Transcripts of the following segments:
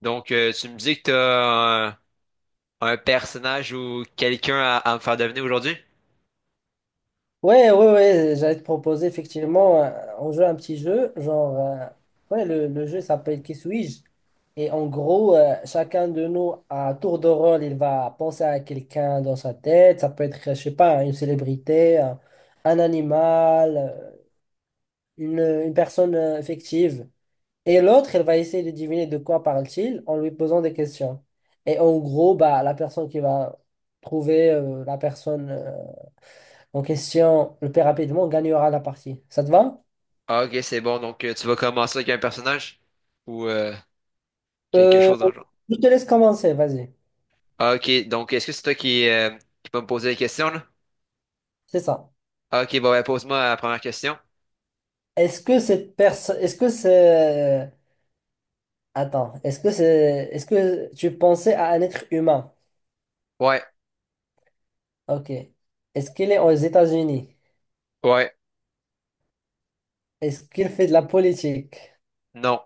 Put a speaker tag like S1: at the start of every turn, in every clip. S1: Donc, tu me dis que t'as un personnage ou quelqu'un à me faire deviner aujourd'hui?
S2: Ouais, ouais, ouais, j'allais te proposer effectivement, on joue à un petit jeu, le jeu s'appelle Qui suis-je? Et en gros, chacun de nous, à tour de rôle, il va penser à quelqu'un dans sa tête, ça peut être, je sais pas, une célébrité, un animal, une, une personne fictive. Et l'autre, elle va essayer de deviner de quoi parle-t-il en lui posant des questions. Et en gros, bah, la personne qui va trouver la personne. En question le plus rapidement gagnera la partie. Ça te va?
S1: Ah, ok, c'est bon. Donc, tu vas commencer avec un personnage ou quelque
S2: Euh,
S1: chose dans le genre.
S2: je te laisse commencer, vas-y.
S1: Ah, ok, donc est-ce que c'est toi qui vas me poser des questions là?
S2: C'est ça.
S1: Ah, ok, bon, ben, pose-moi la première question.
S2: Est-ce que cette personne, est-ce que c'est, attends, est-ce que c'est, Est-ce que tu pensais à un être humain?
S1: Ouais,
S2: Ok. Est-ce qu'il est aux États-Unis?
S1: ouais,
S2: Est-ce qu'il fait de la politique?
S1: non.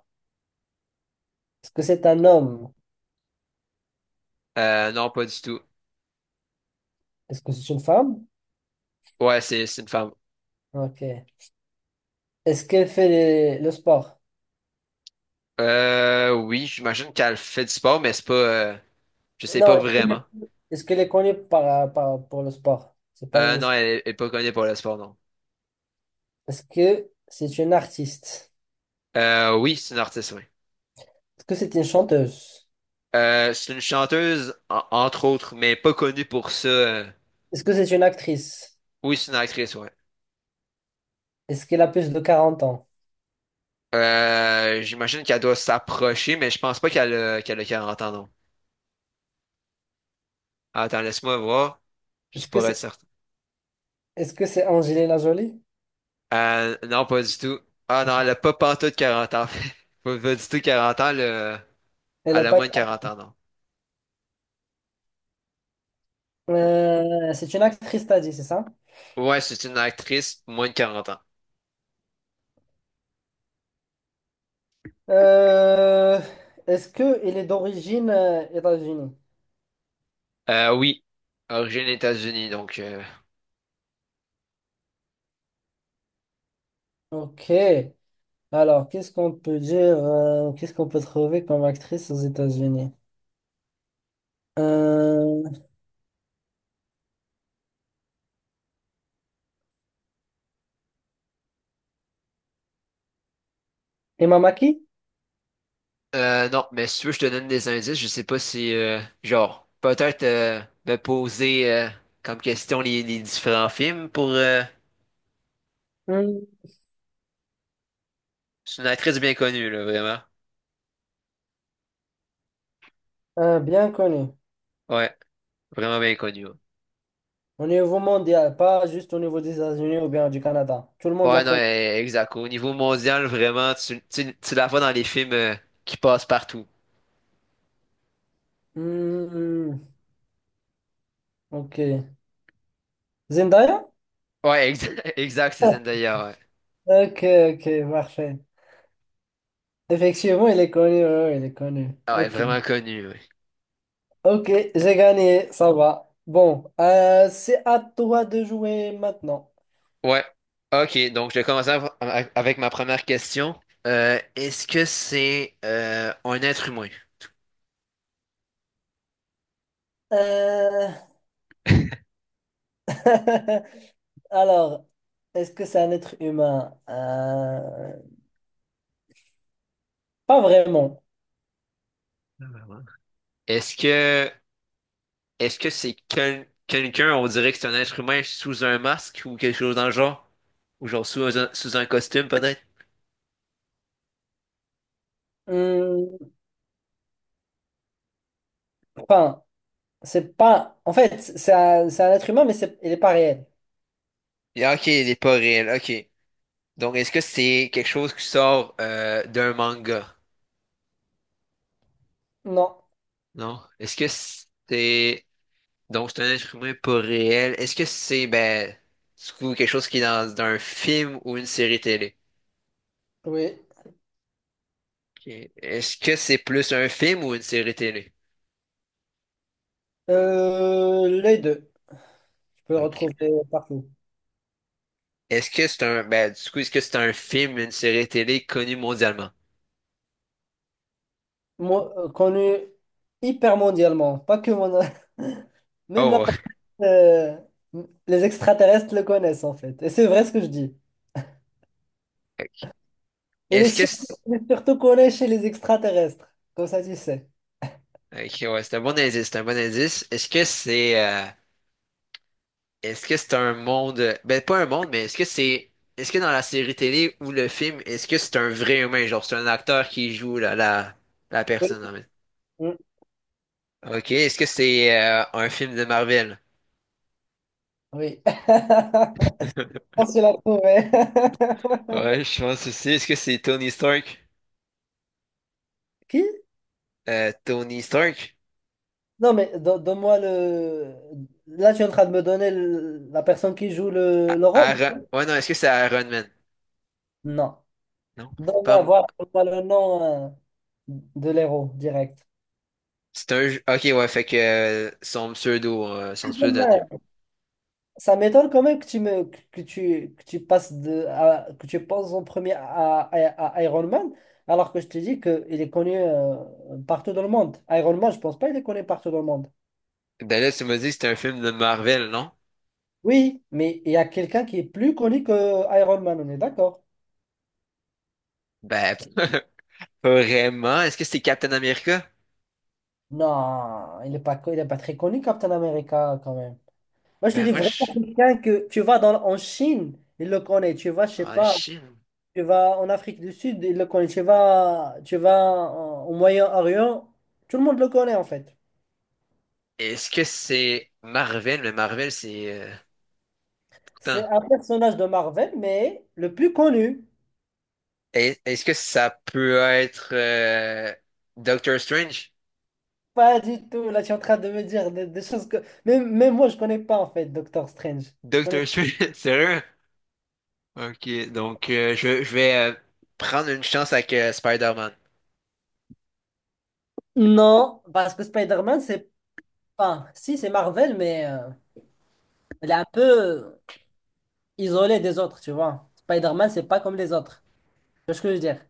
S2: Est-ce que c'est un homme?
S1: Non, pas du tout.
S2: Est-ce que c'est une femme?
S1: Ouais, c'est une femme.
S2: Ok. Est-ce qu'elle fait le sport?
S1: Oui, j'imagine qu'elle fait du sport, mais c'est pas, je sais
S2: Non,
S1: pas vraiment.
S2: est-ce qu'elle est connue pour le sport? C'est pas une-
S1: Non, elle est pas connue pour le sport, non.
S2: Est-ce que c'est une artiste?
S1: Oui, c'est une artiste, oui.
S2: Est-ce que c'est une chanteuse?
S1: C'est une chanteuse, entre autres, mais pas connue pour ça.
S2: Est-ce que c'est une actrice?
S1: Oui, c'est une actrice, ouais.
S2: Est-ce qu'elle a plus de quarante ans?
S1: J'imagine qu'elle doit s'approcher, mais je pense pas qu'elle a 40 ans, non. Attends, laisse-moi voir, juste
S2: Est-ce que
S1: pour être
S2: c'est
S1: certain.
S2: Est-ce que c'est Angelina Jolie?
S1: Non, pas du tout. Ah, non, elle a pas pantoute 40 ans. Pas, pas du tout 40 ans, elle a,
S2: Elle a
S1: elle a
S2: pas...
S1: moins de quarante ans, non.
S2: C'est une actrice, t'as dit, c'est ça?
S1: Ouais, c'est une actrice, moins de 40 ans.
S2: Euh, Est-ce qu'elle est d'origine États-Unis?
S1: Oui, origine États-Unis, donc... euh,
S2: Ok. Alors, qu'est-ce qu'on peut dire? Qu'est-ce qu'on peut trouver comme actrice aux États-Unis? Euh, Emma Mackey?
S1: Euh, non, mais si tu veux, je te donne des indices. Je sais pas si, genre, peut-être me poser comme question les différents films pour...
S2: Hmm,
S1: c'est une actrice bien connue, là, vraiment.
S2: bien connue.
S1: Ouais, vraiment bien connue. Ouais,
S2: Au niveau mondial, pas juste au niveau des États-Unis ou bien du Canada. Tout le monde la
S1: ouais, non,
S2: connaît.
S1: exact. Au niveau mondial, vraiment, tu la vois dans les films qui passent partout.
S2: Hmm, hmm, hmm. Ok. Zendaya?
S1: Ouais, exact, exact, c'est
S2: Ok,
S1: Zendaya, ouais.
S2: ok, parfait. Effectivement, il est connu, ouais, ouais, il est connu.
S1: Ah, ouais,
S2: Ok,
S1: vraiment connue, ouais.
S2: ok, j'ai gagné, ça va. Bon, c'est à toi de jouer maintenant.
S1: Ouais. OK, donc je vais commencer avec ma première question. Est-ce que c'est un être humain?
S2: Euh, Alors, est-ce que c'est un être humain? Pas vraiment.
S1: Est-ce que est-ce que c'est quelqu'un, on dirait que c'est un être humain sous un masque ou quelque chose dans le genre? Ou genre sous un costume peut-être?
S2: Hmm, enfin, c'est pas. En fait, c'est un être humain, mais c'est... il n'est pas réel.
S1: Et ok, il n'est pas réel, ok. Donc est-ce que c'est quelque chose qui sort d'un manga?
S2: Non.
S1: Non? Est-ce que c'est... Donc c'est un être humain pas réel. Est-ce que c'est ben du coup, quelque chose qui est dans un film ou une série télé?
S2: Oui.
S1: Ok. Est-ce que c'est plus un film ou une série télé?
S2: Les deux. Je peux le
S1: Ok.
S2: retrouver partout.
S1: Est-ce que c'est un, ben, du coup, est-ce que c'est un film, une série télé connue mondialement?
S2: Connu hyper mondialement, pas que mon... Même la
S1: Oh,
S2: euh, les extraterrestres le connaissent en fait. Et c'est vrai ce que je dis.
S1: Ok.
S2: Et les
S1: Est-ce que
S2: surtout,
S1: c'est...
S2: Surtout connue chez les extraterrestres. Comme ça, tu sais.
S1: Ok, ouais, c'est un bon indice, c'est un bon indice. Est-ce que c'est un monde ben pas un monde, mais est-ce que dans la série télé ou le film, est-ce que c'est un vrai humain, genre c'est un acteur qui joue la
S2: Oui.
S1: personne en fait.
S2: Mm.
S1: Ok, est-ce que c'est un film de Marvel?
S2: Oui. On se l'a trouvé.
S1: Ouais, je pense aussi. Est-ce que c'est Tony Stark?
S2: Qui?
S1: Tony Stark?
S2: Non, mais donne-moi le. Là, tu es en train de me donner la personne qui joue le, le rôle?
S1: Aaron... Ouais, non, est-ce que c'est Iron Man?
S2: Non.
S1: Non, c'est
S2: Donne-moi,
S1: pas.
S2: voilà, donne-moi le nom de l'héros direct.
S1: Ok, ouais, fait que son pseudonyme.
S2: Ça m'étonne quand même que tu passes que tu penses en premier à Iron Man alors que je te dis que il est connu partout dans le monde. Iron Man, je pense pas il est connu partout dans le monde.
S1: Ben là, tu m'as dit que c'est un film de Marvel, non?
S2: Oui, mais il y a quelqu'un qui est plus connu que Iron Man, on est d'accord?
S1: Ben, pas vraiment. Est-ce que c'est Captain America?
S2: Non, il est pas très connu Captain America quand même. Moi je te
S1: Ben,
S2: dis
S1: moi,
S2: vraiment
S1: je...
S2: quelqu'un que tu vas dans en Chine, il le connaît. Tu vas, je sais
S1: Ah,
S2: pas.
S1: Chine.
S2: Tu vas en Afrique du Sud, il le connaît. Tu vas au Moyen-Orient, tout le monde le connaît en fait.
S1: Est-ce que c'est Marvel? Mais Marvel, c'est...
S2: C'est
S1: Putain.
S2: un personnage de Marvel, mais le plus connu.
S1: Est-ce que ça peut être Doctor Strange?
S2: Pas du tout. Là, tu es en train de me dire des choses que. Même moi, je connais pas en fait Doctor Strange. Je connais
S1: Doctor
S2: pas.
S1: Strange, sérieux? Ok, donc, je vais prendre une chance avec Spider-Man.
S2: Non, parce que Spider-Man, c'est pas. Si, c'est Marvel, mais il est un peu isolé des autres, tu vois. Spider-Man, c'est pas comme les autres. Tu vois ce que je veux dire?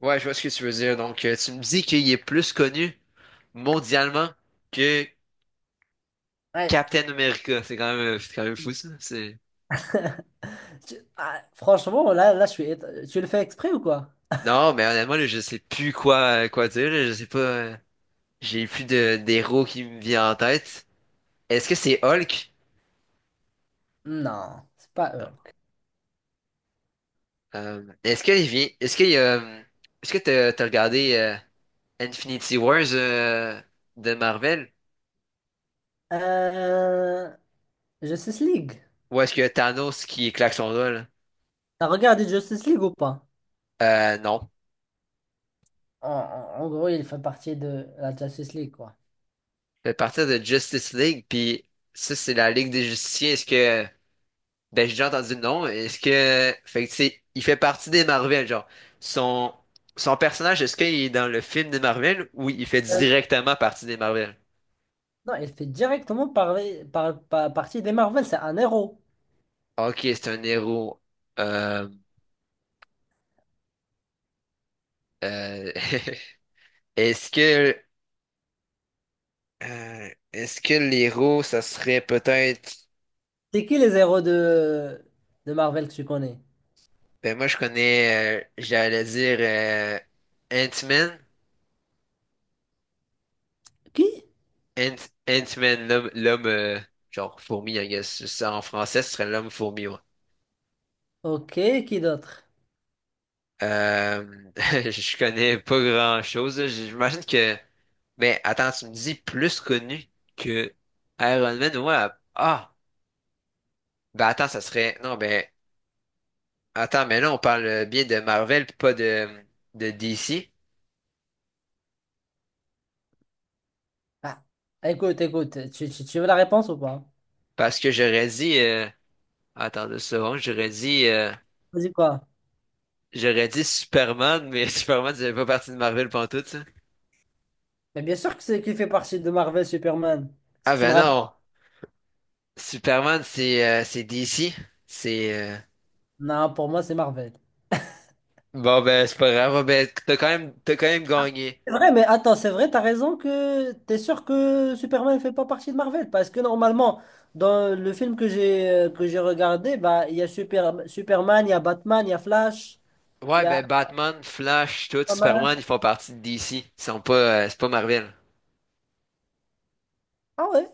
S1: Ouais, je vois ce que tu veux dire. Donc, tu me dis qu'il est plus connu mondialement que
S2: Ouais.
S1: Captain America. C'est quand même fou, ça. C'est...
S2: Ah, franchement, là, Tu le fais exprès ou quoi?
S1: Non, mais honnêtement, là, je sais plus quoi dire, là. Je sais pas, j'ai plus d'héros qui me vient en tête. Est-ce que c'est Hulk?
S2: Non, c'est pas
S1: Non.
S2: Hulk.
S1: Est-ce qu'il vient. Est-ce qu'il y a. Est-ce que t'as regardé Infinity Wars de Marvel?
S2: Euh, Justice League.
S1: Ou est-ce que Thanos qui claque son doigt, là?
S2: T'as regardé Justice League ou pas?
S1: Non.
S2: En gros, il fait partie de la Justice League, quoi.
S1: De partir de Justice League, puis ça, c'est la Ligue des Justiciers. Ben, j'ai déjà entendu le nom. Fait que, tu sais, il fait partie des Marvel, genre, son, son personnage, est-ce qu'il est dans le film des Marvel ou il fait
S2: Euh,
S1: directement partie des Marvel?
S2: non, il fait directement partie des Marvel. C'est un héros.
S1: Ok, c'est un héros. Euh, euh, est-ce que, est-ce que l'héros, ça serait peut-être,
S2: C'est qui les héros de Marvel que tu connais?
S1: ben, moi, je connais, j'allais dire, Ant-Man.
S2: Qui?
S1: Ant, Ant-Man, l'homme, genre fourmi, I guess. Ça, en français, ce serait l'homme fourmi, ouais.
S2: Ok, qui d'autre?
S1: Je connais pas grand-chose, là. J'imagine que... Mais attends, tu me dis plus connu que Iron Man, ouais. Ah! Ben, attends, ça serait... Non, ben... Attends, mais là, on parle bien de Marvel, puis pas de DC.
S2: Ah, écoute, écoute, tu veux la réponse ou pas?
S1: Parce que j'aurais dit... Attends deux secondes, j'aurais dit...
S2: Vas-y, quoi?
S1: J'aurais dit Superman, mais Superman, ça fait pas partie de Marvel pantoute, ça.
S2: Mais bien sûr que c'est qui fait partie de Marvel Superman. Parce
S1: Ah,
S2: que je me
S1: ben
S2: rappelle-
S1: non! Superman, c'est DC. C'est euh,
S2: Non, pour moi, c'est Marvel.
S1: bon ben c'est pas grave. Bon, ben t'as quand même gagné.
S2: C'est vrai, mais attends, c'est vrai, t'as raison que t'es sûr que Superman ne fait pas partie de Marvel, parce que normalement, dans le film que j'ai regardé, bah il y a Super, Superman, il y a Batman, il y a Flash, il
S1: Ouais,
S2: y a
S1: ben Batman, Flash, tout
S2: pas
S1: Superman, ils font partie de DC. Ils sont pas c'est pas Marvel.
S2: Ah ouais?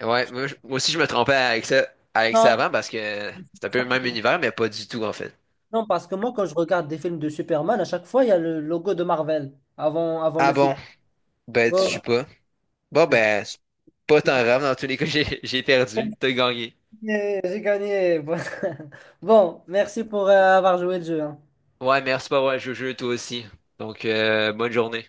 S1: Ouais, moi, moi aussi je me trompais avec ça
S2: Non,
S1: avant, parce que c'est un peu le même univers mais pas du tout en fait.
S2: non, parce que moi, quand je regarde des films de Superman, à chaque fois, il y a le logo de Marvel avant,
S1: Ah,
S2: le
S1: bon,
S2: film.
S1: ben tu sais
S2: Bon,
S1: pas. Bon,
S2: j'ai
S1: ben c'est pas tant grave dans tous les cas j'ai perdu. T'as gagné.
S2: gagné. J'ai gagné. Bon, merci pour avoir joué le jeu. Hein.
S1: Ouais, merci pour avoir joué au jeu toi aussi. Donc, bonne journée.